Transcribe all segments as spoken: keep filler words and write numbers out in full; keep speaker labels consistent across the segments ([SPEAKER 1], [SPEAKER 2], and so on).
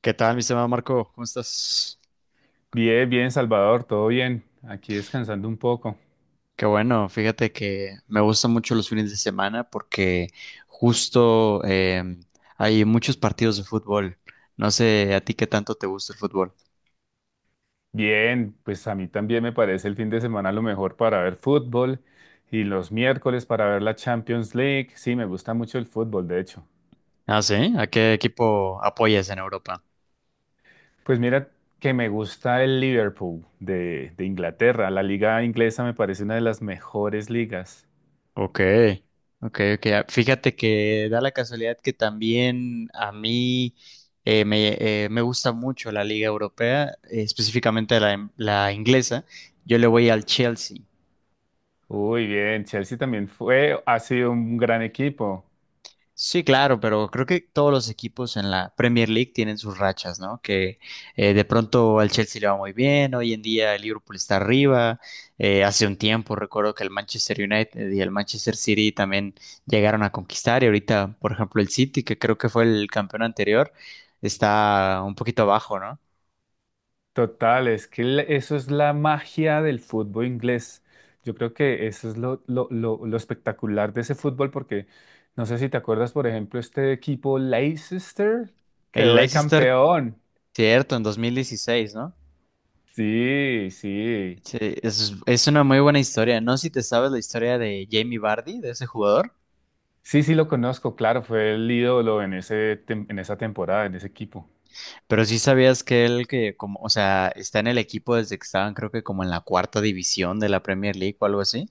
[SPEAKER 1] ¿Qué tal, mi estimado Marco? ¿Cómo estás?
[SPEAKER 2] Bien, bien, Salvador, todo bien. Aquí descansando un poco.
[SPEAKER 1] Qué bueno, fíjate que me gustan mucho los fines de semana porque justo em, hay muchos partidos de fútbol. No sé a ti qué tanto te gusta el fútbol.
[SPEAKER 2] Bien, pues a mí también me parece el fin de semana lo mejor para ver fútbol y los miércoles para ver la Champions League. Sí, me gusta mucho el fútbol, de hecho.
[SPEAKER 1] Ah, sí, ¿a qué equipo apoyas en Europa?
[SPEAKER 2] Pues mira que me gusta el Liverpool de, de Inglaterra. La liga inglesa me parece una de las mejores ligas.
[SPEAKER 1] Ok, ok, ok. Ah, Fíjate que da la casualidad que también a mí eh, me, eh, me gusta mucho la Liga Europea, eh, específicamente la, la inglesa. Yo le voy al Chelsea.
[SPEAKER 2] Uy, bien, Chelsea también fue, ha sido un gran equipo.
[SPEAKER 1] Sí, claro, pero creo que todos los equipos en la Premier League tienen sus rachas, ¿no? Que eh, de pronto al Chelsea le va muy bien, hoy en día el Liverpool está arriba, eh, hace un tiempo recuerdo que el Manchester United y el Manchester City también llegaron a conquistar y ahorita, por ejemplo, el City, que creo que fue el campeón anterior, está un poquito abajo, ¿no?
[SPEAKER 2] Total, es que la- eso es la magia del fútbol inglés. Yo creo que eso es lo, lo, lo, lo espectacular de ese fútbol, porque no sé si te acuerdas, por ejemplo, este equipo Leicester
[SPEAKER 1] El
[SPEAKER 2] quedó de
[SPEAKER 1] Leicester,
[SPEAKER 2] campeón.
[SPEAKER 1] cierto, en dos mil dieciséis, ¿no?
[SPEAKER 2] Sí, sí.
[SPEAKER 1] Sí, es, es una muy buena historia. No sé si te sabes la historia de Jamie Vardy, de ese jugador.
[SPEAKER 2] Sí, sí lo conozco, claro, fue el ídolo en ese, tem- en esa temporada, en ese equipo.
[SPEAKER 1] Pero sí sabías que él que como, o sea, está en el equipo desde que estaban, creo que como en la cuarta división de la Premier League o algo así.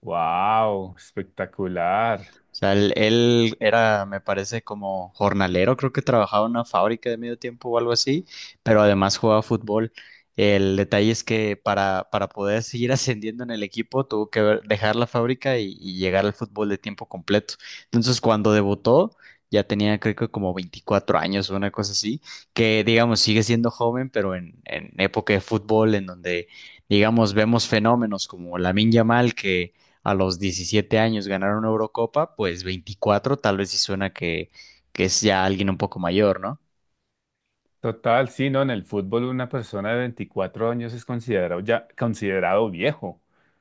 [SPEAKER 2] ¡Wow! Espectacular.
[SPEAKER 1] O sea, él, él era, me parece, como jornalero, creo que trabajaba en una fábrica de medio tiempo o algo así, pero además jugaba fútbol. El detalle es que para, para poder seguir ascendiendo en el equipo tuvo que ver- dejar la fábrica y, y llegar al fútbol de tiempo completo. Entonces, cuando debutó, ya tenía creo que como veinticuatro años o una cosa así, que digamos sigue siendo joven, pero en, en época de fútbol, en donde digamos vemos fenómenos como Lamine Yamal, que a los diecisiete años ganar una Eurocopa, pues veinticuatro tal vez sí suena que, que es ya alguien un poco mayor, ¿no?
[SPEAKER 2] Total, sí, ¿no? En el fútbol una persona de veinticuatro años es considerado ya considerado viejo.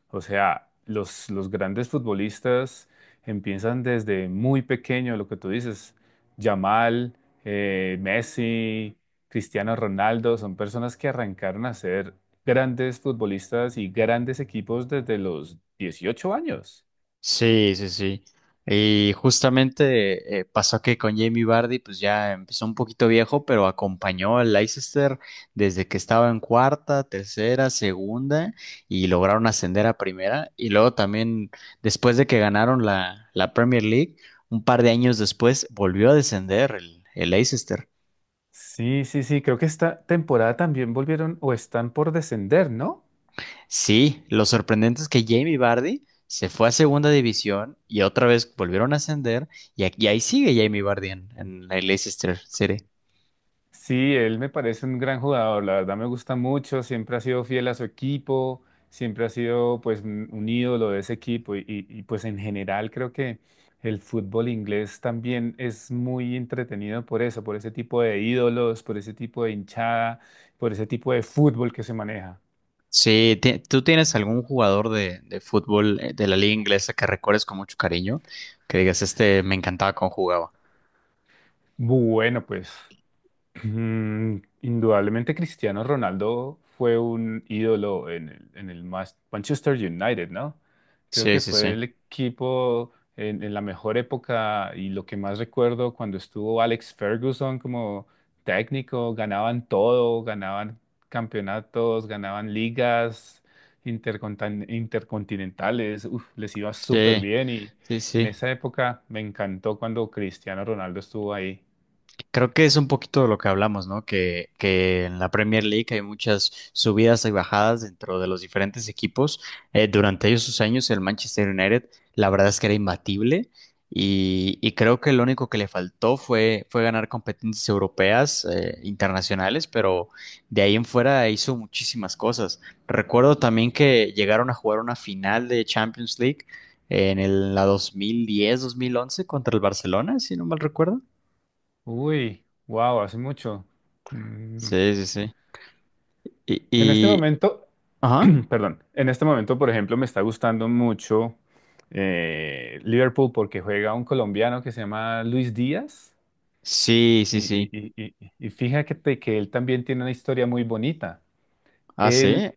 [SPEAKER 2] O sea, los, los grandes futbolistas empiezan desde muy pequeño, lo que tú dices, Yamal, eh, Messi, Cristiano Ronaldo, son personas que arrancaron a ser grandes futbolistas y grandes equipos desde los dieciocho años.
[SPEAKER 1] Sí, sí, sí. Y justamente eh, pasó que con Jamie Vardy, pues ya empezó un poquito viejo, pero acompañó al Leicester desde que estaba en cuarta, tercera, segunda y lograron ascender a primera. Y luego también, después de que ganaron la, la Premier League, un par de años después volvió a descender el, el Leicester.
[SPEAKER 2] Sí, sí, sí, creo que esta temporada también volvieron o están por descender, ¿no?
[SPEAKER 1] Sí, lo sorprendente es que Jamie Vardy se fue a segunda división y otra vez volvieron a ascender y, aquí, y ahí sigue Jamie Vardy en, en el Leicester City.
[SPEAKER 2] Sí, él me parece un gran jugador, la verdad me gusta mucho, siempre ha sido fiel a su equipo, siempre ha sido pues un un ídolo de ese equipo y, y- y, pues en general creo que el fútbol inglés también es muy entretenido por eso, por ese tipo de ídolos, por ese tipo de hinchada, por ese tipo de fútbol que se maneja.
[SPEAKER 1] Sí, ti- ¿tú tienes algún jugador de, de fútbol eh, de la liga inglesa que recuerdes con mucho cariño? Que digas, este me encantaba cómo jugaba.
[SPEAKER 2] Bueno, pues. Mm, indudablemente Cristiano Ronaldo fue un ídolo en el, en el Mas- Manchester United, ¿no? Creo
[SPEAKER 1] Sí,
[SPEAKER 2] que
[SPEAKER 1] sí,
[SPEAKER 2] fue
[SPEAKER 1] sí.
[SPEAKER 2] el equipo en, en la mejor época y lo que más recuerdo cuando estuvo Alex Ferguson como técnico, ganaban todo, ganaban campeonatos, ganaban ligas intercontan- intercontinentales, uf, les iba súper
[SPEAKER 1] Sí,
[SPEAKER 2] bien y
[SPEAKER 1] sí,
[SPEAKER 2] en
[SPEAKER 1] sí.
[SPEAKER 2] esa época me encantó cuando Cristiano Ronaldo estuvo ahí.
[SPEAKER 1] Creo que es un poquito de lo que hablamos, ¿no? Que, que en la Premier League hay muchas subidas y bajadas dentro de los diferentes equipos. Eh, durante esos años, el Manchester United, la verdad es que era imbatible y, y creo que lo único que le faltó fue, fue ganar competencias europeas, eh, internacionales, pero de ahí en fuera hizo muchísimas cosas. Recuerdo también que llegaron a jugar una final de Champions League en el, la dos mil diez-dos mil once contra el Barcelona, si no mal recuerdo.
[SPEAKER 2] Uy, wow, hace mucho. Mm.
[SPEAKER 1] Sí, sí, sí. Y,
[SPEAKER 2] En este
[SPEAKER 1] y-
[SPEAKER 2] momento,
[SPEAKER 1] ajá.
[SPEAKER 2] perdón, en este momento, por ejemplo, me está gustando mucho eh, Liverpool porque juega un colombiano que se llama Luis Díaz
[SPEAKER 1] Sí, sí,
[SPEAKER 2] y,
[SPEAKER 1] sí.
[SPEAKER 2] y, y, y- y fíjate que él también tiene una historia muy bonita.
[SPEAKER 1] Ah,
[SPEAKER 2] Él
[SPEAKER 1] sí.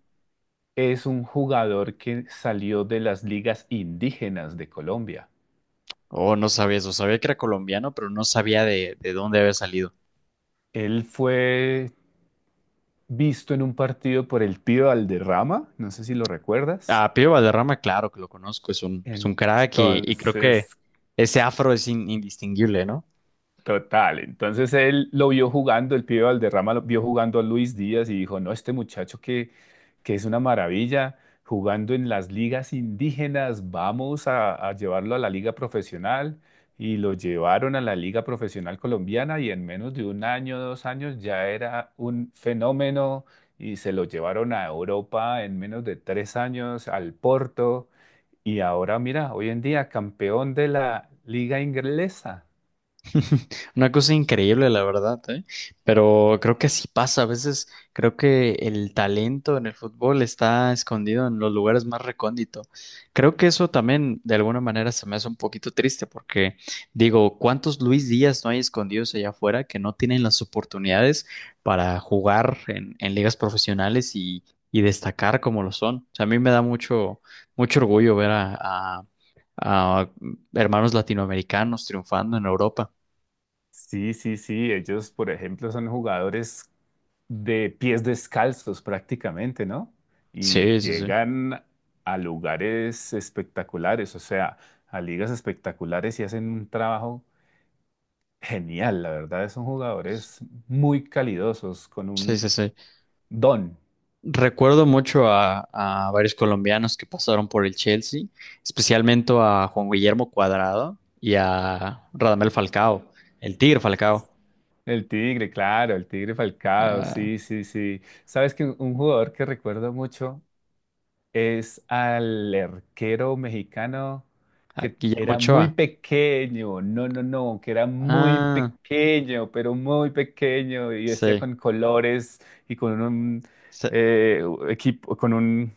[SPEAKER 2] es un jugador que salió de las ligas indígenas de Colombia.
[SPEAKER 1] Oh, no sabía eso. Sabía que era colombiano, pero no sabía de, de dónde había salido.
[SPEAKER 2] Él fue visto en un partido por el tío Valderrama, no sé si lo recuerdas.
[SPEAKER 1] A Pío Valderrama, claro que lo conozco. Es un, es un crack y, y creo que
[SPEAKER 2] entonces,
[SPEAKER 1] ese afro es in- indistinguible, ¿no?
[SPEAKER 2] Total, entonces él lo vio jugando, el pibe Valderrama lo vio jugando a Luis Díaz y dijo, no, este muchacho que, que es una maravilla, jugando en las ligas indígenas, vamos a, a llevarlo a la liga profesional y lo llevaron a la liga profesional colombiana y en menos de un año, dos años ya era un fenómeno y se lo llevaron a Europa en menos de tres años al Porto y ahora mira, hoy en día campeón de la liga inglesa.
[SPEAKER 1] Una cosa increíble, la verdad, ¿eh? Pero creo que sí pasa. A veces creo que el talento en el fútbol está escondido en los lugares más recónditos. Creo que eso también de alguna manera se me hace un poquito triste porque digo, ¿cuántos Luis Díaz no hay escondidos allá afuera que no tienen las oportunidades para jugar en, en ligas profesionales y, y destacar como lo son? O sea, a mí me da mucho, mucho orgullo ver a a- a hermanos latinoamericanos triunfando en Europa.
[SPEAKER 2] Sí, sí, sí. Ellos, por ejemplo, son jugadores de pies descalzos prácticamente, ¿no? Y
[SPEAKER 1] Sí, sí, sí.
[SPEAKER 2] llegan a lugares espectaculares, o sea, a ligas espectaculares y hacen un trabajo genial. La verdad, son jugadores muy calidosos, con
[SPEAKER 1] Sí, sí,
[SPEAKER 2] un
[SPEAKER 1] sí.
[SPEAKER 2] don.
[SPEAKER 1] Recuerdo mucho a, a varios colombianos que pasaron por el Chelsea, especialmente a Juan Guillermo Cuadrado y a Radamel Falcao, el Tigre Falcao,
[SPEAKER 2] El Tigre, claro, el Tigre Falcao,
[SPEAKER 1] a,
[SPEAKER 2] sí, sí, sí. ¿Sabes que un jugador que recuerdo mucho es al arquero mexicano
[SPEAKER 1] a
[SPEAKER 2] que
[SPEAKER 1] Guillermo
[SPEAKER 2] era muy
[SPEAKER 1] Ochoa.
[SPEAKER 2] pequeño, no, no, no, que era muy
[SPEAKER 1] Ah,
[SPEAKER 2] pequeño, pero muy pequeño y vestía
[SPEAKER 1] sí.
[SPEAKER 2] con colores y con un
[SPEAKER 1] Se,
[SPEAKER 2] eh, equipo, con un,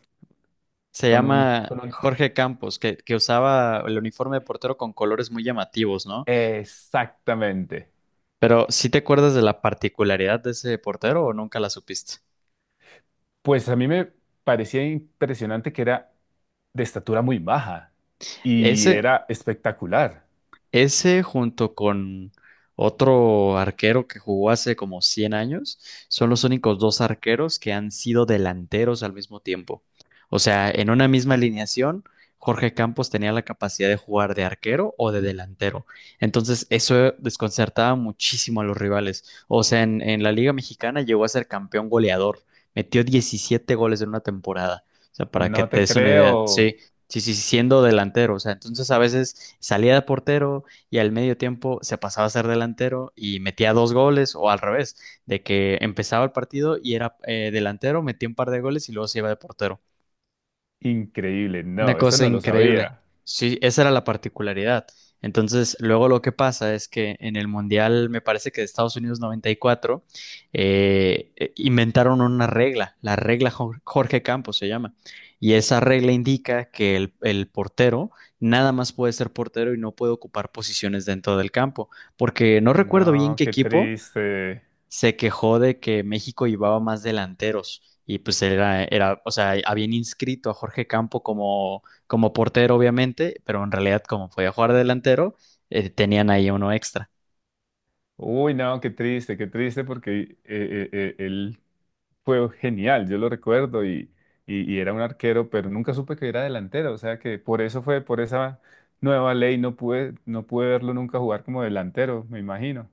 [SPEAKER 1] se
[SPEAKER 2] con un,
[SPEAKER 1] llama
[SPEAKER 2] con un,
[SPEAKER 1] Jorge Campos, que, que usaba el uniforme de portero con colores muy llamativos, ¿no?
[SPEAKER 2] exactamente.
[SPEAKER 1] Pero, ¿sí te acuerdas de la particularidad de ese portero o nunca la supiste?
[SPEAKER 2] Pues a mí me parecía impresionante que era de estatura muy baja y
[SPEAKER 1] Ese,
[SPEAKER 2] era espectacular.
[SPEAKER 1] Ese junto con otro arquero que jugó hace como cien años, son los únicos dos arqueros que han sido delanteros al mismo tiempo. O sea, en una misma alineación, Jorge Campos tenía la capacidad de jugar de arquero o de delantero. Entonces, eso desconcertaba muchísimo a los rivales. O sea, en, en la Liga Mexicana llegó a ser campeón goleador. Metió diecisiete goles en una temporada. O sea, para
[SPEAKER 2] No
[SPEAKER 1] que te
[SPEAKER 2] te
[SPEAKER 1] des una idea.
[SPEAKER 2] creo,
[SPEAKER 1] Sí, sí, sí, siendo delantero. O sea, entonces a veces salía de portero, y al medio tiempo se pasaba a ser delantero y metía dos goles o al revés, de que empezaba el partido y era eh, delantero, metía un par de goles y luego se iba de portero.
[SPEAKER 2] increíble,
[SPEAKER 1] Una
[SPEAKER 2] no, eso
[SPEAKER 1] cosa
[SPEAKER 2] no lo
[SPEAKER 1] increíble.
[SPEAKER 2] sabía.
[SPEAKER 1] Sí, esa era la particularidad. Entonces, luego lo que pasa es que en el Mundial, me parece que de Estados Unidos noventa y cuatro, eh, eh, inventaron una regla, la regla Jor- Jorge Campos se llama. Y esa regla indica que el, el portero nada más puede ser portero y no puede ocupar posiciones dentro del campo. Porque no recuerdo bien
[SPEAKER 2] No,
[SPEAKER 1] qué
[SPEAKER 2] qué
[SPEAKER 1] equipo,
[SPEAKER 2] triste.
[SPEAKER 1] se quejó de que México llevaba más delanteros y pues era, era, o sea, habían inscrito a Jorge Campo como, como portero, obviamente, pero en realidad como podía jugar de delantero, eh, tenían ahí uno extra.
[SPEAKER 2] Uy, no, qué triste, qué triste porque eh, eh, eh, él fue genial, yo lo recuerdo y, y, y era un arquero, pero nunca supe que era delantero, o sea que por eso fue, por esa nueva ley no pude, no pude verlo nunca jugar como delantero, me imagino.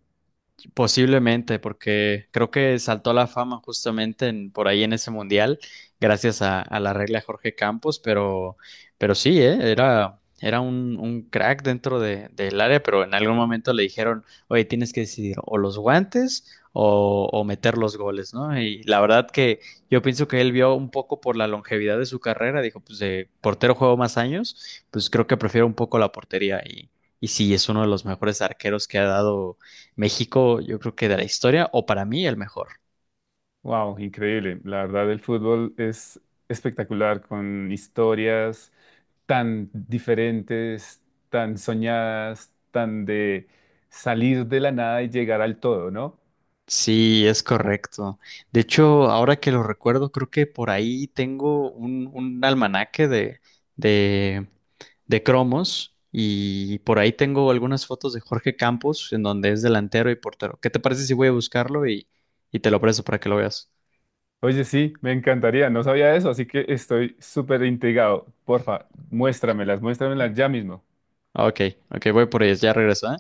[SPEAKER 1] Posiblemente, porque creo que saltó a la fama justamente en- por ahí en ese mundial, gracias a, a la regla de Jorge Campos, pero, pero sí, ¿eh? Era, era un, un crack dentro de, del área, pero en algún momento le dijeron, oye, tienes que decidir o los guantes o, o meter los goles, ¿no? Y la verdad que yo pienso que él vio un poco por la longevidad de su carrera, dijo, pues de portero juego más años, pues creo que prefiero un poco la portería y, y sí, es uno de los mejores arqueros que ha dado México, yo creo que de la historia, o para mí el mejor.
[SPEAKER 2] Wow, increíble. La verdad, el fútbol es espectacular con historias tan diferentes, tan soñadas, tan de salir de la nada y llegar al todo, ¿no?
[SPEAKER 1] Sí, es correcto. De hecho, ahora que lo recuerdo, creo que por ahí tengo un, un almanaque de, de, de cromos y por ahí tengo algunas fotos de Jorge Campos en donde es delantero y portero. ¿Qué te parece si voy a buscarlo y, y te lo presto para que lo veas?
[SPEAKER 2] Oye, sí, me encantaría, no sabía eso, así que estoy súper intrigado. Porfa, muéstramelas, muéstramelas ya mismo.
[SPEAKER 1] Ok, ok, voy por ellas, ya regreso, ¿eh?